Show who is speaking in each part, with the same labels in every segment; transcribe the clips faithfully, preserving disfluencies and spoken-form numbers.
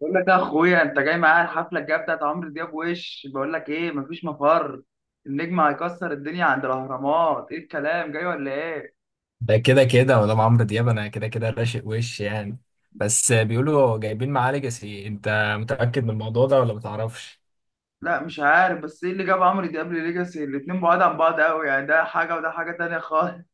Speaker 1: بقول لك يا اخويا، انت جاي معايا الحفله الجايه بتاعت عمرو دياب وش؟ بقول لك ايه؟ مفيش مفر. النجم هيكسر الدنيا عند الاهرامات. ايه الكلام جاي ولا ايه؟
Speaker 2: ده كده كده مدام عمرو دياب، انا كده كده راشق، وش يعني؟ بس بيقولوا جايبين معاه ليجاسي. انت متأكد من الموضوع ده ولا متعرفش؟
Speaker 1: لا مش عارف. بس ايه اللي جاب عمرو دياب لليجاسي؟ الاتنين بعاد عن بعض قوي يعني، ده حاجه وده حاجه تانية خالص.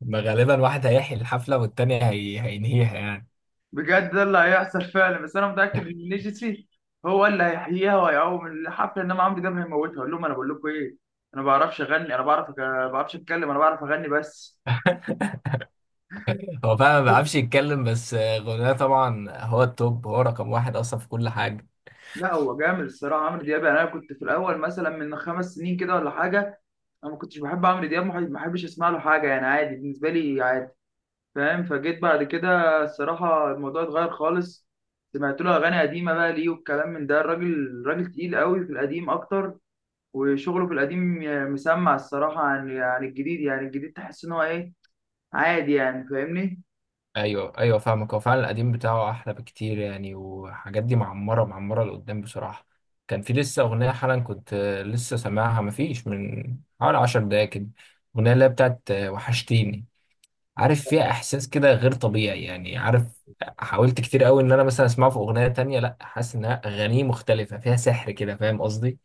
Speaker 2: ما غالبا واحد هيحيي الحفلة والتاني هي... هينهيها يعني.
Speaker 1: بجد ده اللي هيحصل فعلا. بس انا متاكد ان ليجاسي هو اللي هيحييها وهيقوم الحفله، انما عمرو دياب هيموتها. اقول لهم انا بقول لكم ايه، انا ما بعرفش اغني انا بعرف، ما بعرفش اتكلم انا بعرف اغني بس.
Speaker 2: هو فعلا ما بيعرفش يتكلم، بس غناه طبعا هو التوب، هو رقم واحد اصلا في كل حاجة.
Speaker 1: لا هو جامد الصراحه عمرو دياب يعني. انا كنت في الاول مثلا من خمس سنين كده ولا حاجه، انا ما كنتش بحب عمرو دياب، ما ما بحبش اسمع له حاجه، يعني عادي بالنسبه لي عادي. فاهم؟ فجيت بعد كده الصراحه الموضوع اتغير خالص. سمعت له اغاني قديمه بقى ليه والكلام من ده، الراجل راجل تقيل قوي في القديم اكتر، وشغله في القديم. مسمع الصراحه عن عن الجديد، يعني الجديد تحس ان هو ايه، عادي يعني. فاهمني؟
Speaker 2: ايوه، ايوه، فاهمك. هو فعلا القديم بتاعه احلى بكتير يعني، وحاجات دي معمرة معمرة لقدام بصراحة. كان في لسه أغنية حالا كنت لسه سامعها، مفيش من حوالي عشر دقايق كده. الأغنية اللي هي بتاعت وحشتيني. عارف، فيها احساس كده غير طبيعي يعني، عارف. حاولت كتير قوي ان انا مثلا اسمعه في اغنيه تانية، لا حاسس انها اغانيه مختلفه فيها سحر كده، فاهم قصدي.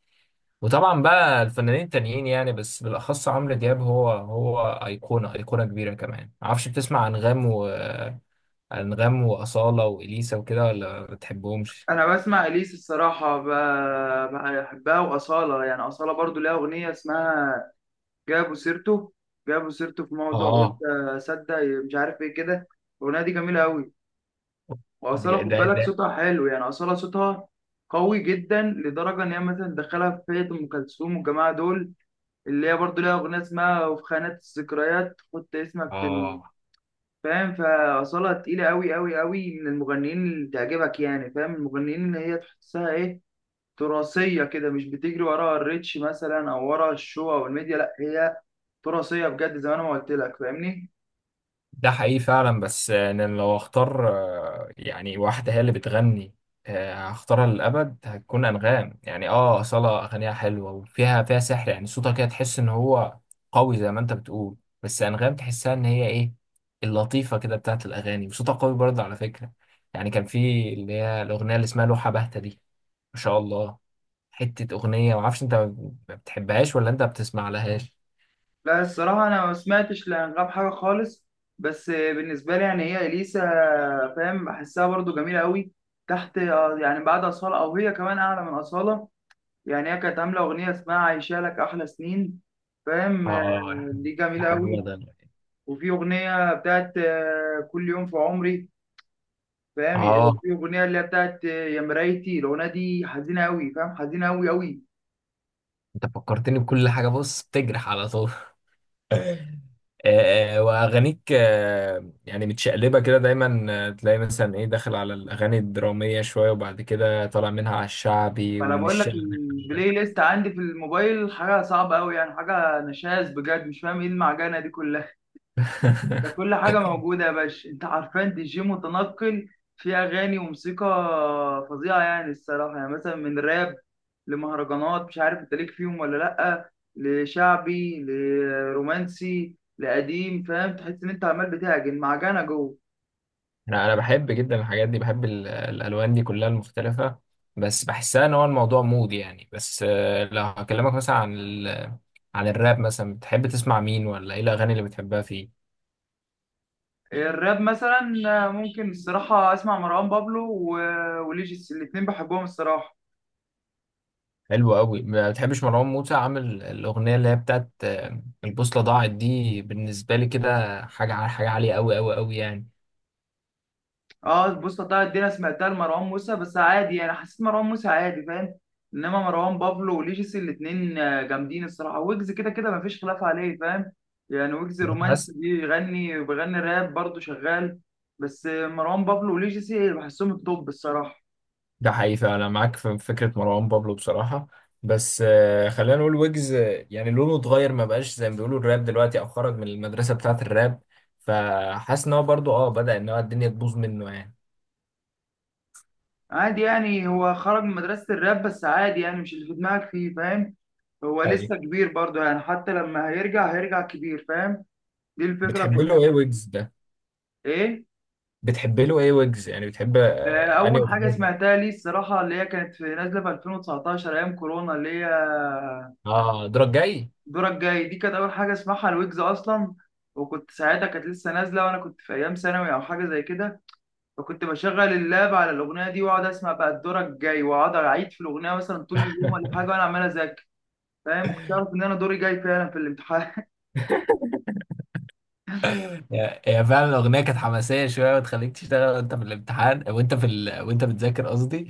Speaker 2: وطبعا بقى الفنانين التانيين يعني، بس بالاخص عمرو دياب هو هو ايقونه ايقونه كبيره كمان. معرفش، بتسمع انغام وانغام واصاله واليسا وكده، ولا ما بتحبهمش؟
Speaker 1: انا بسمع اليس الصراحه، ب- بحبها. واصاله يعني اصاله برضو ليها اغنيه اسمها جابوا سيرته جابوا سيرته في موضوع، قلت
Speaker 2: اه،
Speaker 1: اصدق مش عارف ايه كده. الاغنيه دي جميله قوي. واصاله
Speaker 2: ده
Speaker 1: خد
Speaker 2: ده
Speaker 1: بالك
Speaker 2: ده
Speaker 1: صوتها حلو، يعني اصاله صوتها قوي جدا لدرجه ان هي مثلا تدخلها في فئه ام كلثوم والجماعه دول، اللي هي برضو ليها اغنيه اسمها وفي خانات الذكريات حط اسمك في ال-.
Speaker 2: اه.
Speaker 1: فاهم؟ فاصاله تقيله قوي قوي قوي من المغنيين اللي تعجبك، يعني فاهم المغنيين اللي هي تحسها ايه، تراثيه كده، مش بتجري وراها الريتش مثلا او ورا الشو او الميديا، لا هي تراثيه بجد زي ما انا ما قلت لك. فاهمني؟
Speaker 2: ده حقيقي فعلا، بس انا لو اختار آه، يعني واحده هي اللي بتغني، آه، هختارها للابد هتكون انغام يعني. اه، اصاله اغانيها حلوه، وفيها فيها سحر يعني، صوتها كده تحس ان هو قوي زي ما انت بتقول. بس انغام تحسها ان هي ايه، اللطيفه كده بتاعت الاغاني، وصوتها قوي برضه على فكره. يعني كان في اللي هي الاغنيه اللي اسمها لوحه باهته دي، ما شاء الله، حته اغنيه. ما اعرفش، انت ما بتحبهاش ولا انت بتسمع لهاش؟
Speaker 1: لا الصراحه انا ما سمعتش لانغام حاجه خالص. بس بالنسبه لي يعني هي اليسا، فاهم، بحسها برضو جميله قوي. تحت يعني بعد اصاله، او هي كمان اعلى من اصاله. يعني هي كانت عامله اغنيه اسمها عايشه لك احلى سنين. فاهم آه،
Speaker 2: اه يا حبيبي،
Speaker 1: دي
Speaker 2: يا
Speaker 1: جميله
Speaker 2: حبيبي
Speaker 1: قوي.
Speaker 2: ده،
Speaker 1: وفي اغنيه بتاعت آه، كل يوم في عمري. فاهم؟
Speaker 2: اه.
Speaker 1: في اغنيه اللي هي بتاعت يا مرايتي، الاغنيه دي حزينه قوي، فاهم، حزينه قوي قوي.
Speaker 2: انت فكرتني بكل حاجة، بص تجرح على طول. آه، واغانيك آه، يعني متشقلبه كده دايما، آه، تلاقي مثلا ايه داخل على الاغاني الدراميه شويه، وبعد كده طالع منها على الشعبي
Speaker 1: فانا
Speaker 2: ومن
Speaker 1: بقول لك
Speaker 2: الشعبي.
Speaker 1: البلاي ليست عندي في الموبايل حاجه صعبه قوي، يعني حاجه نشاز بجد. مش فاهم ايه المعجنه دي كلها. انت كل حاجه موجوده يا باشا، انت عارفان دي جي متنقل في اغاني وموسيقى فظيعه يعني الصراحه، يعني مثلا من راب لمهرجانات مش عارف انت ليك فيهم ولا لا، لشعبي لرومانسي لقديم. فاهم؟ تحس ان انت عمال بتعجن معجنه جوه.
Speaker 2: انا انا بحب جدا الحاجات دي، بحب ال- الالوان دي كلها المختلفه. بس بحسها ان هو الموضوع مود يعني، بس آه، لو هكلمك مثلا عن ال... عن الراب مثلا، بتحب تسمع مين؟ ولا ايه الاغاني اللي بتحبها فيه؟
Speaker 1: الراب مثلا ممكن الصراحة أسمع مروان بابلو و- وليجيس، الاتنين بحبهم الصراحة.
Speaker 2: حلو قوي، ما بتحبش مروان موسى؟ عامل الاغنيه اللي هي بتاعت آه، البوصله ضاعت، دي بالنسبه لي كده حاجه ع- حاجه عاليه قوي قوي قوي يعني.
Speaker 1: اه بص طلعت دي أنا سمعتها لمروان موسى بس عادي يعني، حسيت مروان موسى عادي. فاهم؟ إنما مروان بابلو وليجيس الاتنين آه، جامدين الصراحة. ويجز كده كده مفيش خلاف عليه فاهم، يعني ويجز
Speaker 2: بتحس.
Speaker 1: رومانسي بيغني وبيغني راب برضه شغال. بس آه، مروان بابلو وليجيس بحسهم التوب الصراحة.
Speaker 2: ده حقيقي فعلا، معاك في فكره مروان بابلو بصراحه. بس آه، خلينا نقول ويجز، آه، يعني لونه اتغير، ما بقاش زي ما بيقولوا الراب دلوقتي، او خرج من المدرسه بتاعت الراب. فحاسس ان هو برضو اه بدأ ان هو الدنيا تبوظ منه يعني.
Speaker 1: عادي يعني هو خرج من مدرسة الراب، بس عادي يعني مش اللي في دماغك فيه. فاهم؟ هو
Speaker 2: ايوه.
Speaker 1: لسه كبير برضه، يعني حتى لما هيرجع هيرجع كبير. فاهم؟ دي الفكرة
Speaker 2: بتحب
Speaker 1: كلها.
Speaker 2: له ايه ويجز ده؟
Speaker 1: ايه؟
Speaker 2: بتحب له ايه ويجز، يعني بتحب
Speaker 1: آه،
Speaker 2: آه، انهي
Speaker 1: اول حاجة
Speaker 2: اغنيه؟
Speaker 1: سمعتها لي الصراحة اللي هي كانت في نازلة في ألفين وتسعتاشر ايام كورونا، اللي هي
Speaker 2: اه، دورك جاي.
Speaker 1: دورك جاي، دي كانت اول حاجة اسمعها الويجز اصلا. وكنت ساعتها كانت لسه نازلة وانا كنت في ايام ثانوي او حاجة زي كده. فكنت بشغل اللاب على الاغنية دي واقعد اسمع بقى دورك جاي، واقعد اعيد في الاغنية مثلا طول اليوم ولا حاجة وانا عمال اذاكر. فاهم؟ ما كنتش عارف ان انا دوري جاي فعلا في الامتحان.
Speaker 2: هي هي فعلا الأغنية كانت حماسية شوية وتخليك تشتغل وأنت في الامتحان وأنت في ال... وأنت بتذاكر قصدي.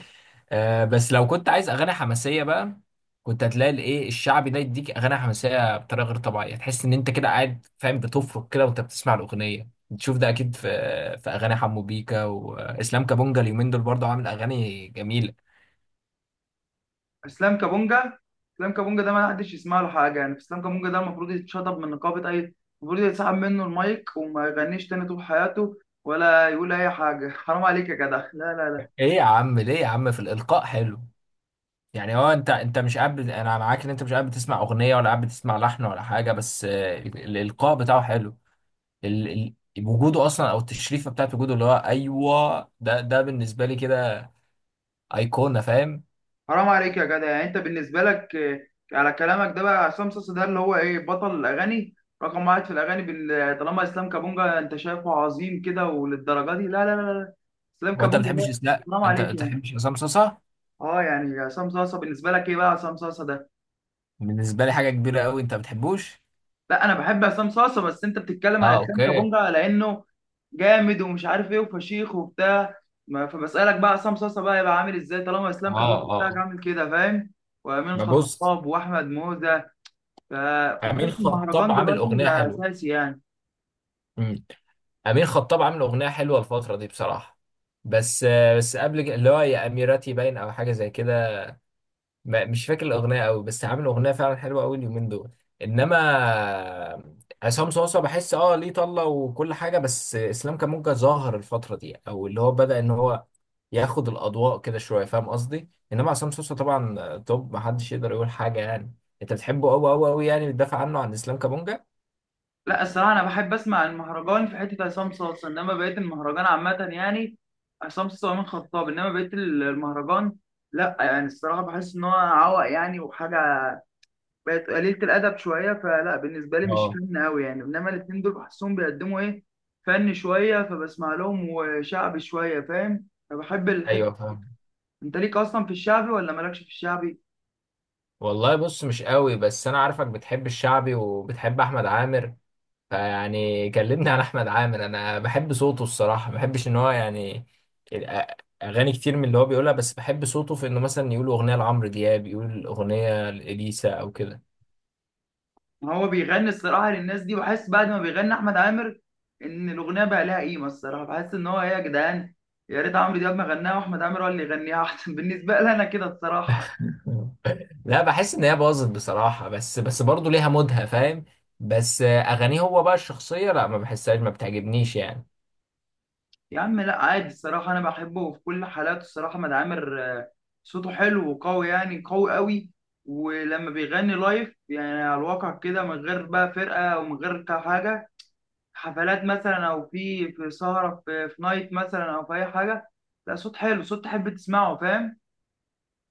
Speaker 2: آه بس لو كنت عايز أغاني حماسية بقى، كنت هتلاقي الإيه، الشعبي ده يديك أغاني حماسية بطريقة غير طبيعية، تحس إن أنت كده قاعد فاهم بتفرك كده وأنت بتسمع الأغنية. تشوف ده أكيد، في في أغاني حمو بيكا وإسلام كابونجا، اليومين دول برضه عامل أغاني جميلة.
Speaker 1: اسلام كابونجا، اسلام كابونجا ده ما حدش يسمع له حاجه، يعني اسلام كابونجا ده المفروض يتشطب من نقابه اي، المفروض يتسحب منه المايك وما يغنيش تاني طول حياته، ولا يقول اي حاجه. حرام عليك يا جدع، لا لا لا.
Speaker 2: إيه يا عم؟ ليه يا عم؟ في الإلقاء حلو يعني. هو انت انت مش قاعد بت- انا معاك ان انت مش قاعد بتسمع اغنيه ولا قاعد بتسمع لحن ولا حاجه، بس آه، ال- الالقاء بتاعه حلو. ال... ال... وجوده اصلا او التشريفه بتاعت وجوده، اللي هو ايوه، ده ده بالنسبه لي كده ايقونه، فاهم.
Speaker 1: حرام عليك يا جدع يعني، انت بالنسبه لك آه، على كلامك ده بقى عصام صاصا ده اللي هو ايه بطل الاغاني رقم واحد في الاغاني بال-، طالما اسلام كابونجا انت شايفه عظيم كده وللدرجه دي، لا لا لا لا. اسلام
Speaker 2: وانت ما
Speaker 1: كابونجا
Speaker 2: بتحبش
Speaker 1: ده
Speaker 2: اس- لا
Speaker 1: حرام
Speaker 2: انت ما
Speaker 1: عليك يعني.
Speaker 2: بتحبش عصام صاصا؟
Speaker 1: اه يعني عصام صاصه بالنسبه لك ايه بقى؟ عصام صاصه ده
Speaker 2: بالنسبه لي حاجه كبيره قوي، انت ما بتحبوش؟
Speaker 1: لا انا بحب عصام صاصه، بس انت بتتكلم
Speaker 2: اه،
Speaker 1: على اسلام
Speaker 2: اوكي، اه.
Speaker 1: كابونجا لانه جامد ومش عارف ايه وفشيخ وبتاع. ما- فبسالك بقى عصام صاصه، بقى يبقى عامل ازاي طالما
Speaker 2: اه،
Speaker 1: اسلام كابونجا بتاعك
Speaker 2: آه.
Speaker 1: عامل كده؟ فاهم؟ وامين
Speaker 2: ما بص،
Speaker 1: خطاب واحمد موزه، فخد
Speaker 2: امين
Speaker 1: بالك
Speaker 2: خطاب
Speaker 1: المهرجان
Speaker 2: عامل
Speaker 1: دلوقتي
Speaker 2: اغنيه
Speaker 1: بقى
Speaker 2: حلوه.
Speaker 1: اساسي يعني.
Speaker 2: امم. امين خطاب عامل اغنيه حلوه الفتره دي بصراحه. بس آه، بس قبل كده- اللي هو يا اميرتي باين، او حاجه زي كده. ما- مش فاكر الاغنيه قوي، بس عامل اغنيه فعلا حلوه قوي اليومين دول. انما عصام صوصه بحس اه ليه طله وكل حاجه، بس اسلام كامونجا ظاهر الفتره دي، او اللي هو بدا ان هو ياخد الاضواء كده شويه، فاهم قصدي. انما عصام صوصه طبعا توب، محدش يقدر يقول حاجه يعني. انت بتحبه قوي قوي قوي يعني، بتدافع عنه، عن اسلام كامونجا.
Speaker 1: لا الصراحه انا بحب اسمع المهرجان في حته عصام صاصه، انما بقيت المهرجان عامه يعني عصام صاصه وامين خطاب، انما بقيت المهرجان لا يعني الصراحه بحس ان هو عوق يعني وحاجه بقت قليلة الأدب شوية، فلا بالنسبة لي مش
Speaker 2: اه،
Speaker 1: فن أوي يعني. إنما الاتنين دول بحسهم بيقدموا إيه فن شوية، فبسمع لهم وشعبي شوية. فاهم؟ فبحب الحتة.
Speaker 2: ايوه، فاهم.
Speaker 1: أنت ليك أصلا في الشعبي ولا مالكش في الشعبي؟
Speaker 2: والله بص، مش قوي، بس انا عارفك بتحب الشعبي وبتحب احمد عامر. فيعني كلمني عن احمد عامر، انا بحب صوته الصراحه، ما بحبش ان هو يعني الأ- اغاني كتير من اللي هو بيقولها، بس بحب صوته في انه مثلا يقول اغنيه لعمرو دياب، يقول اغنيه لاليسا او كده.
Speaker 1: ما هو بيغني الصراحة للناس دي، بحس بعد ما بيغني أحمد عامر إن الأغنية بقى لها قيمة الصراحة. بحس إن هو إيه يا جدعان، يا ريت عمرو دياب ما غناها وأحمد عامر هو اللي يغنيها أحسن. بالنسبة لي أنا كده الصراحة.
Speaker 2: لا، بحس ان هي باظت بصراحه، بس بس برضه ليها مودها، فاهم. بس اغانيه هو بقى الشخصيه، لا ما بحسهاش، ما بتعجبنيش يعني.
Speaker 1: يا عم لا عادي الصراحة أنا بحبه في كل حالاته الصراحة. مد عامر آه، صوته حلو وقوي يعني قوي قوي. ولما بيغني لايف يعني على الواقع كده من غير بقى فرقة ومن غير كا- حاجة، حفلات مثلا أو في في سهرة في, في نايت مثلا أو في أي حاجة، لا صوت حلو صوت تحب تسمعه. فاهم؟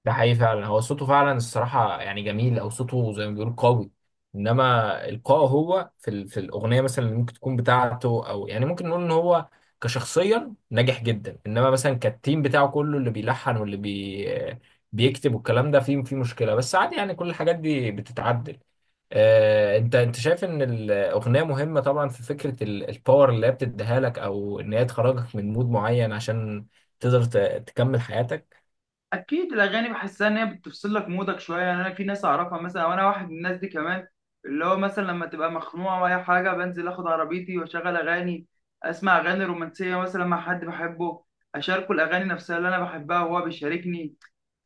Speaker 2: ده حقيقي فعلا، هو صوته فعلا الصراحة يعني جميل، أو صوته زي ما بيقول قوي. إنما إلقائه هو في ال... في الأغنية مثلا اللي ممكن تكون بتاعته، أو يعني ممكن نقول إن هو كشخصيا ناجح جدا. إنما مثلا كالتيم بتاعه كله اللي بيلحن واللي بي... بيكتب والكلام ده فيه فيه مشكلة، بس عادي يعني، كل الحاجات دي بتتعدل. آه، انت انت شايف ان الاغنيه مهمه طبعا في فكره ال- الباور اللي هي بتديها لك، او ان هي تخرجك من مود معين عشان تقدر ت- تكمل حياتك.
Speaker 1: اكيد الاغاني بحسها ان هي بتفصل لك مودك شويه يعني، انا في ناس اعرفها مثلا وانا واحد من الناس دي كمان، اللي هو مثلا لما تبقى مخنوقه ولا حاجه بنزل اخد عربيتي واشغل اغاني، اسمع اغاني رومانسيه مثلا مع حد بحبه، اشاركه الاغاني نفسها اللي انا بحبها وهو بيشاركني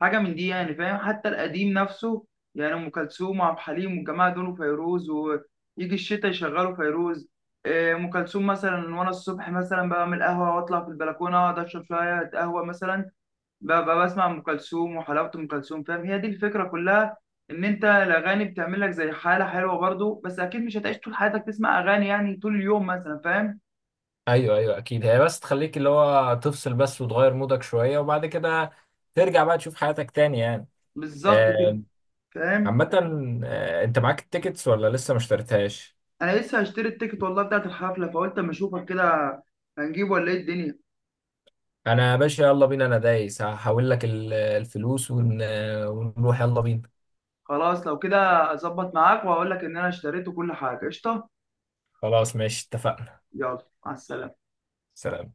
Speaker 1: حاجه من دي يعني. فاهم؟ حتى القديم نفسه، يعني ام كلثوم وعبد الحليم والجماعه دول وفيروز، ويجي الشتاء يشغلوا فيروز إيه، ام كلثوم مثلا. وانا الصبح مثلا بعمل قهوه واطلع في البلكونه اقعد اشرب شويه قهوه مثلا، ببقى بسمع ام كلثوم، وحلاوه ام كلثوم فاهم، هي دي الفكره كلها، ان انت الاغاني بتعمل لك زي حاله حلوه برضو، بس اكيد مش هتعيش طول حياتك تسمع اغاني يعني طول اليوم مثلا. فاهم؟
Speaker 2: ايوه، ايوه، اكيد، هي بس تخليك اللي هو تفصل بس، وتغير مودك شويه، وبعد كده ترجع بقى تشوف حياتك تاني يعني.
Speaker 1: بالظبط كده.
Speaker 2: آه،
Speaker 1: فاهم.
Speaker 2: عامه، آه، انت معاك التيكتس ولا لسه ما اشتريتهاش؟
Speaker 1: انا لسه هشتري التيكت والله بتاعت الحفله، فقلت اما اشوفك كده هنجيبه ولا ايه الدنيا.
Speaker 2: انا يا باشا، يلا بينا، انا دايس هحول لك ال- الفلوس ون... ونروح، يلا بينا.
Speaker 1: خلاص لو كده اظبط معاك واقول لك ان انا اشتريت كل حاجه قشطه.
Speaker 2: خلاص، ماشي، اتفقنا،
Speaker 1: يلا مع السلامه.
Speaker 2: سلام.